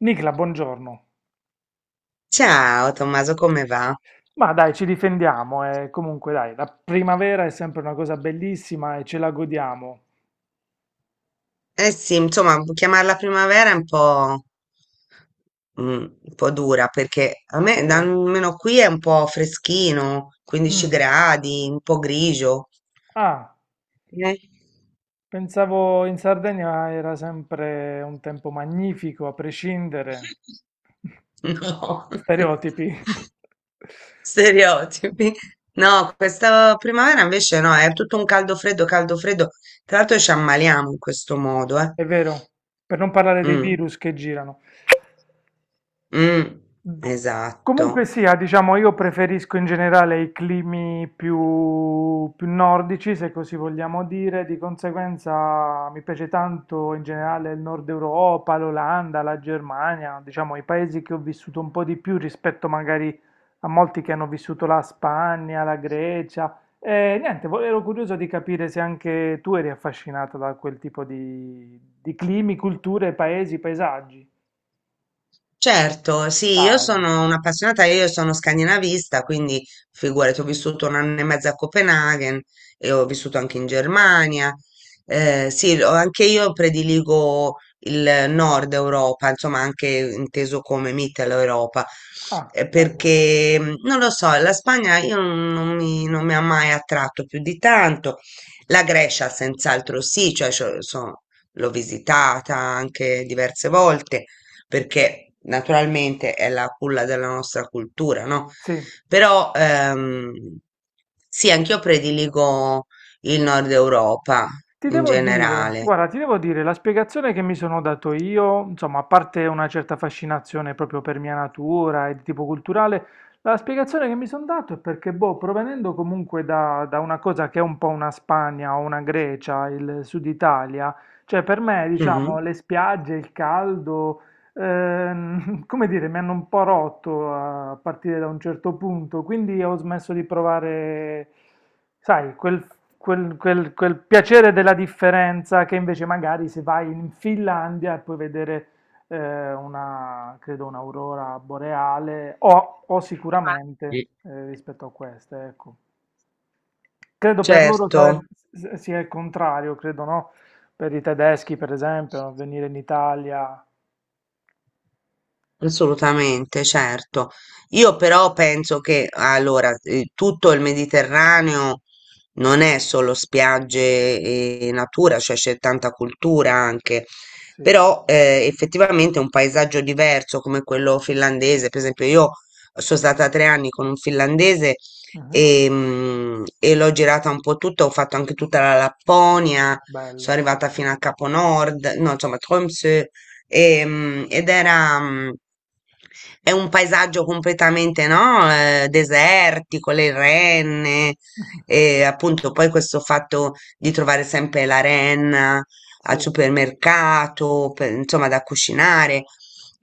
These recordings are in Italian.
Nicla, buongiorno. Ciao Tommaso, come va? Ma dai, ci difendiamo e comunque dai, la primavera è sempre una cosa bellissima e ce la godiamo. Eh sì, insomma, chiamarla primavera è un po', un po' dura perché Perché? almeno qui è un po' freschino, 15 Mm. gradi, un po' grigio. Ah, Eh? pensavo in Sardegna era sempre un tempo magnifico, a prescindere. No, Stereotipi. stereotipi. No, questa primavera invece no, è tutto un caldo freddo, caldo freddo. Tra l'altro ci ammaliamo in questo modo, eh. È vero, per non parlare dei Mm, virus che girano. mm, Comunque esatto. sia, diciamo, io preferisco in generale i climi più nordici, se così vogliamo dire, di conseguenza mi piace tanto in generale il Nord Europa, l'Olanda, la Germania, diciamo i paesi che ho vissuto un po' di più rispetto magari a molti che hanno vissuto la Spagna, la Grecia. E niente, ero curioso di capire se anche tu eri affascinata da quel tipo di climi, culture, paesi, paesaggi. Certo, sì, io Dai. sono un'appassionata, io sono scandinavista, quindi figurati, ho vissuto un anno e mezzo a Copenaghen e ho vissuto anche in Germania. Sì, anche io prediligo il nord Europa, insomma anche inteso come Mittel Europa, Ah, bello. perché non lo so, la Spagna io non mi, non mi ha mai attratto più di tanto, la Grecia senz'altro sì, l'ho visitata anche diverse volte perché naturalmente è la culla della nostra cultura, no? Sì, Però sì, anch'io prediligo il nord Europa ti in devo dire, generale. guarda, ti devo dire, la spiegazione che mi sono dato io, insomma, a parte una certa fascinazione proprio per mia natura e di tipo culturale, la spiegazione che mi sono dato è perché, boh, provenendo comunque da una cosa che è un po' una Spagna o una Grecia, il Sud Italia, cioè per me, Mhm. diciamo, le spiagge, il caldo, come dire, mi hanno un po' rotto a partire da un certo punto, quindi ho smesso di provare. Sai, quel piacere della differenza che invece magari se vai in Finlandia e puoi vedere credo, un'aurora boreale o sicuramente Mm. Rispetto a queste, ecco. Credo per loro Certo. sarebbe, sia il contrario, credo, no? Per i tedeschi, per esempio, venire in Italia. Assolutamente, certo. Io però penso che allora tutto il Mediterraneo non è solo spiagge e natura, cioè c'è tanta cultura anche, Sì. però effettivamente un paesaggio diverso come quello finlandese, per esempio io sono stata tre anni con un finlandese Mhm. e l'ho girata un po' tutta, ho fatto anche tutta la Lapponia, sono Bello. arrivata fino a Capo Nord, no, insomma, Tromsø. Ed era, è un paesaggio completamente, no, desertico, le renne, e appunto poi questo fatto di trovare sempre la renna al sì. supermercato, insomma, da cucinare.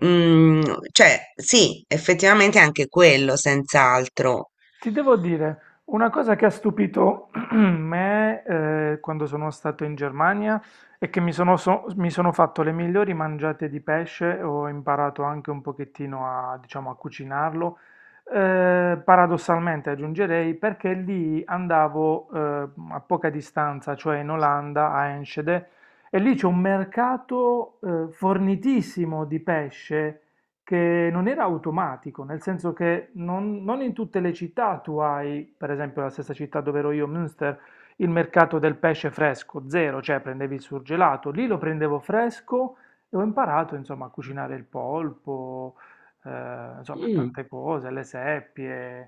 Mm, cioè, sì, effettivamente anche quello, senz'altro. Ti devo dire, una cosa che ha stupito me quando sono stato in Germania è che mi sono fatto le migliori mangiate di pesce, ho imparato anche un pochettino a, diciamo, a cucinarlo, paradossalmente aggiungerei perché lì andavo a poca distanza, cioè in Olanda, a Enschede, e lì c'è un mercato fornitissimo di pesce che non era automatico, nel senso che non in tutte le città tu hai, per esempio la stessa città dove ero io, Münster, il mercato del pesce fresco, zero, cioè prendevi il surgelato, lì lo prendevo fresco e ho imparato insomma a cucinare il polpo, insomma Mm. tante cose, le seppie,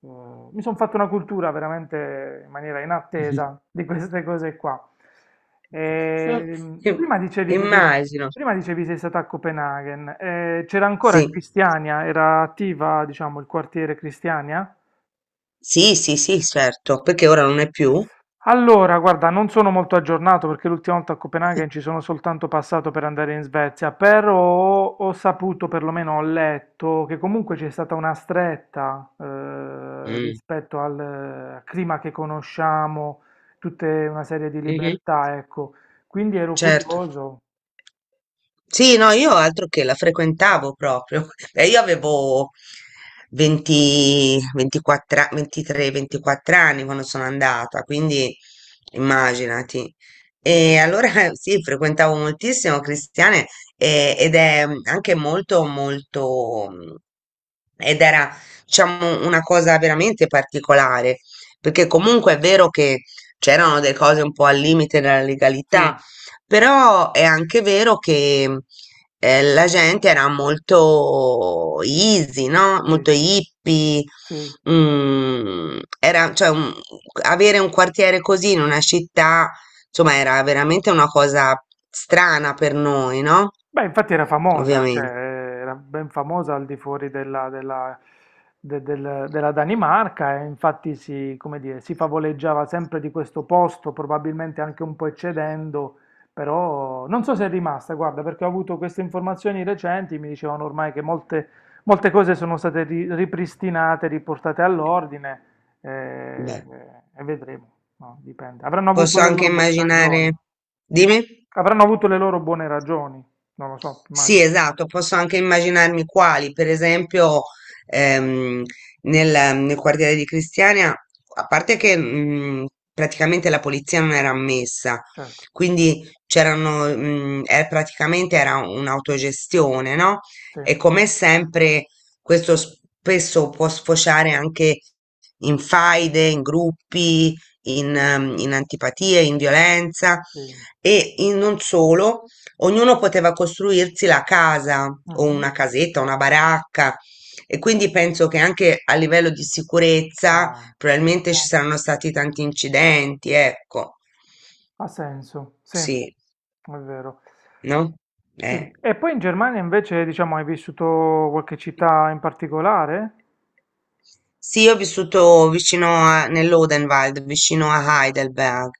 mi sono fatto una cultura veramente in maniera inattesa di queste cose qua. Ehm, Im- prima dicevi che sei, Immagino. prima dicevi sei stata a Copenaghen, c'era ancora Sì, Cristiania, era attiva, diciamo, il quartiere Cristiania? sì, sì, sì, certo, perché ora non è più. Allora, guarda, non sono molto aggiornato perché l'ultima volta a Copenaghen ci sono soltanto passato per andare in Svezia, però ho saputo, perlomeno ho letto, che comunque c'è stata una stretta Mm. rispetto al clima che conosciamo, tutta una serie di Mhm. libertà, ecco. Quindi ero Certo. curioso. Sì, no, io altro che la frequentavo proprio. Io avevo 20, 24, a- 23, 24 anni quando sono andata, quindi immaginati. E Bello. allora sì, frequentavo moltissimo Cristiane ed è anche molto, molto, ed era, diciamo, una cosa veramente particolare, perché comunque è vero che c'erano delle cose un po' al limite della legalità. Sì, Però è anche vero che la gente era molto easy, no? Molto sì, hippie. sì. mm, era, cioè, un- Avere un quartiere così in una città, insomma, era veramente una cosa strana per noi, no? Beh, infatti era famosa, cioè Ovviamente. era ben famosa al di fuori della Danimarca e infatti si, come dire, si favoleggiava sempre di questo posto, probabilmente anche un po' eccedendo, però non so se è rimasta, guarda, perché ho avuto queste informazioni recenti, mi dicevano ormai che molte cose sono state ripristinate, riportate all'ordine, eh, Beh, e vedremo, no, dipende. Avranno avuto posso le anche loro buone ragioni, immaginare. Dimmi. avranno avuto le loro buone ragioni. Non lo so, Sì, immagino. esatto, posso anche immaginarmi quali, per esempio ehm, nel, nel quartiere di Cristiania, a parte che praticamente la polizia non era ammessa, Certo, quindi c'erano, praticamente era un'autogestione, no? sì, E come sempre questo spesso può sfociare anche in faide, in gruppi, in, in antipatie, in violenza sì, e non solo. Ognuno poteva costruirsi la casa o mh-mh, una casetta, una baracca e quindi penso che anche a livello di sicurezza ha probabilmente ci saranno stati tanti incidenti, ecco. ha senso, sì, è Sì, vero. E no? Eh. sì, e poi in Germania invece, diciamo, hai vissuto qualche città in particolare? Sì, io ho vissuto nell'Odenwald, vicino a Heidelberg,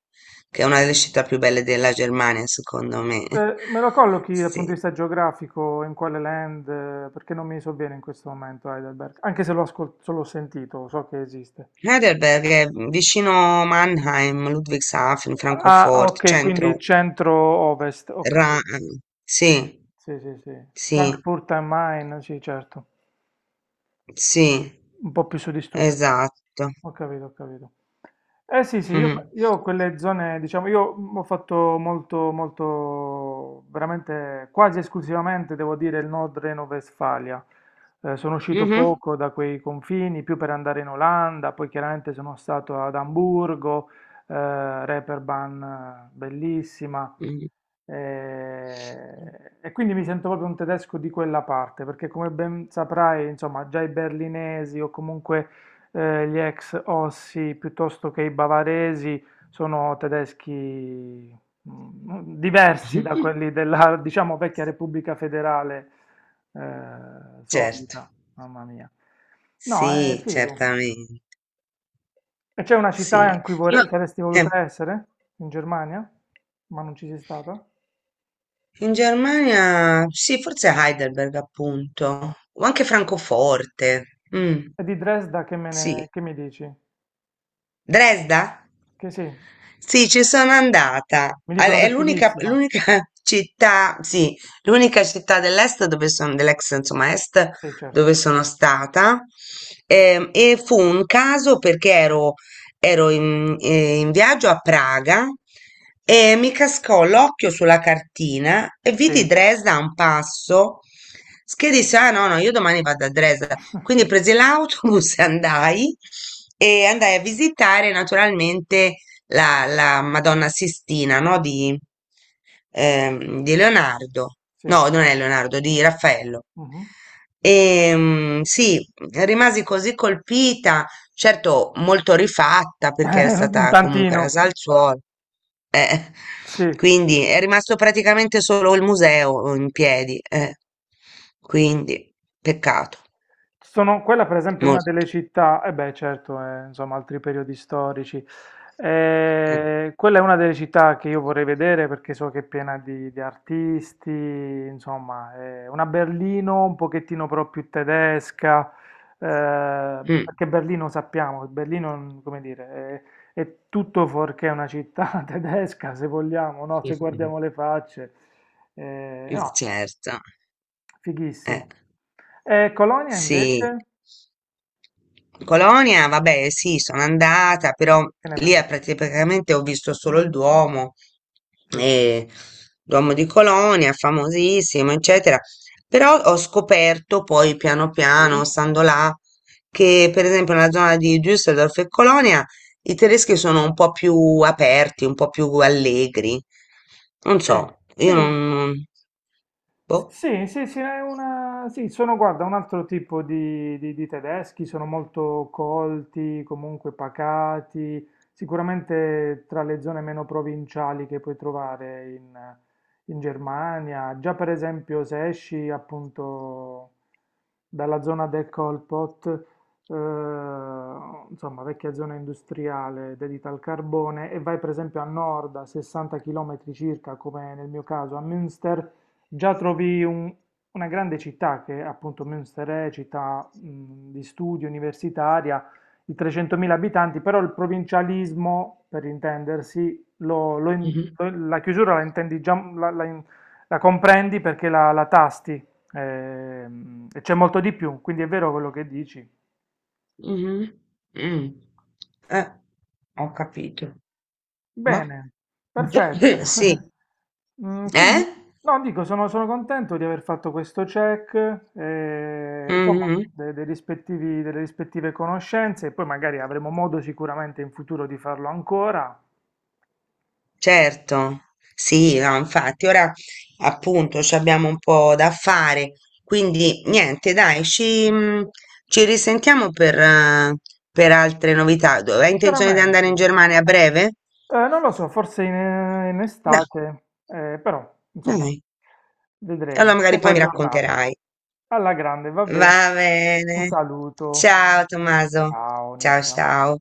che è una delle città più belle della Germania, secondo me. Me lo collochi dal punto di Sì. vista geografico, in quale land? Perché non mi so bene in questo momento Heidelberg, anche se l'ho ascol se l'ho sentito, so che esiste. Heidelberg è vicino Mannheim, Ludwigshafen, Ah, Francoforte, ok, quindi centro centro-ovest, ho Ra capito. Sì, Sì, sì, sì. sì, Frankfurt am Main, sì certo. sì. Un po' più su di Stuttgart. Esatto. Ho capito, ho capito. Eh sì, sì, io, Mh-mh. io quelle zone, diciamo, io ho fatto molto, molto, veramente quasi esclusivamente, devo dire, il Nord Reno-Vestfalia. Sono uscito Mh-mh. poco da quei confini, più per andare in Olanda, poi chiaramente sono stato ad Amburgo, Reeperbahn, bellissima. Mh. E, quindi mi sento proprio un tedesco di quella parte, perché come ben saprai, insomma, già i berlinesi o comunque gli ex Ossi piuttosto che i bavaresi sono tedeschi diversi da quelli della, diciamo, vecchia Repubblica Federale Certo. solita, mamma mia. No, è Sì, figo. certamen E c'è una città in sì. cui Io saresti eh, voluta essere? In Germania? Ma non ci sei stata? in Germania sì, forse Heidelberg appunto, o anche Francoforte. E di Dresda che Sì. che mi dici? Dresda? Che sì, mi Sì, ci sono andata. Dicono che È è l'unica fighissima. l'unica città, sì, l'unica città dell'est dove sono, dell'ex, insomma, est Sì, certo. dove sono stata. Fu un caso perché ero in, in viaggio a Praga e mi cascò l'occhio sulla cartina e Sì, vidi Dresda a un passo, che disse: Ah, no, no, io domani vado a Dresda. Quindi presi l'autobus e andai a visitare naturalmente la, la Madonna Sistina, no, di Leonardo. sì. No, non è Leonardo, di Raffaello. Mhm. E, sì, rimasi così colpita. Certo, molto rifatta perché era Un stata comunque tantino, rasa al suolo. Eh, sì. quindi è rimasto praticamente solo il museo in piedi. Eh. Quindi, peccato, Quella per esempio è una molto. delle città, e beh certo, insomma altri periodi storici. Eh. Quella è una delle città che io vorrei vedere perché so che è piena di artisti, insomma è una Berlino un pochettino però più tedesca, Mm. perché Berlino sappiamo, Berlino come dire, è tutto fuorché una città tedesca se vogliamo, no? Se guardiamo le facce, no, Certo, eh. fighissimo. E Colonia Sì. invece? Colonia, vabbè, sì, sono andata, però Che ne lì pensi? è praticamente ho visto solo il Duomo, Figo. eh, Duomo di Colonia, famosissimo, eccetera. Però ho scoperto poi piano piano, Sì? stando là, che per esempio nella zona di Düsseldorf e Colonia i tedeschi sono un po' più aperti, un po' più allegri. Non Sì, so, sì. io non... Boh. Sì, sì, sì, è una. Sì, sono, guarda, un altro tipo di tedeschi, sono molto colti, comunque pacati, sicuramente tra le zone meno provinciali che puoi trovare in Germania. Già per esempio se esci appunto dalla zona del Kolpot, eh, insomma vecchia zona industriale dedita al carbone, e vai per esempio a nord a 60 km circa, come nel mio caso a Münster, già trovi una grande città che appunto Münster è città di studio, universitaria, di 300.000 abitanti, però il provincialismo, per intendersi, la chiusura la intendi già, la comprendi perché la tasti, e c'è molto di più, quindi è vero quello che dici. Mh-mh. Mh. Eh, ho capito. Ma Bene, perfetto. sì. Quindi, Eh? no, dico, sono contento di aver fatto questo check, insomma, Mh-mh. Delle rispettive conoscenze, e poi magari avremo modo sicuramente in futuro di farlo ancora. Certo. Sì, no, infatti ora appunto c'abbiamo un po' da fare, quindi niente dai, ci ci risentiamo per altre novità. Do hai intenzione di andare Veramente. in Germania a breve? Non lo so, forse in Da estate, però, insomma, Dai, e vedremo. allora Ti magari tengo poi mi aggiornato. racconterai. Alla grande, va bene. Va Un bene. saluto. Ciao Tommaso. Ciao, Ciao, Nicola. ciao.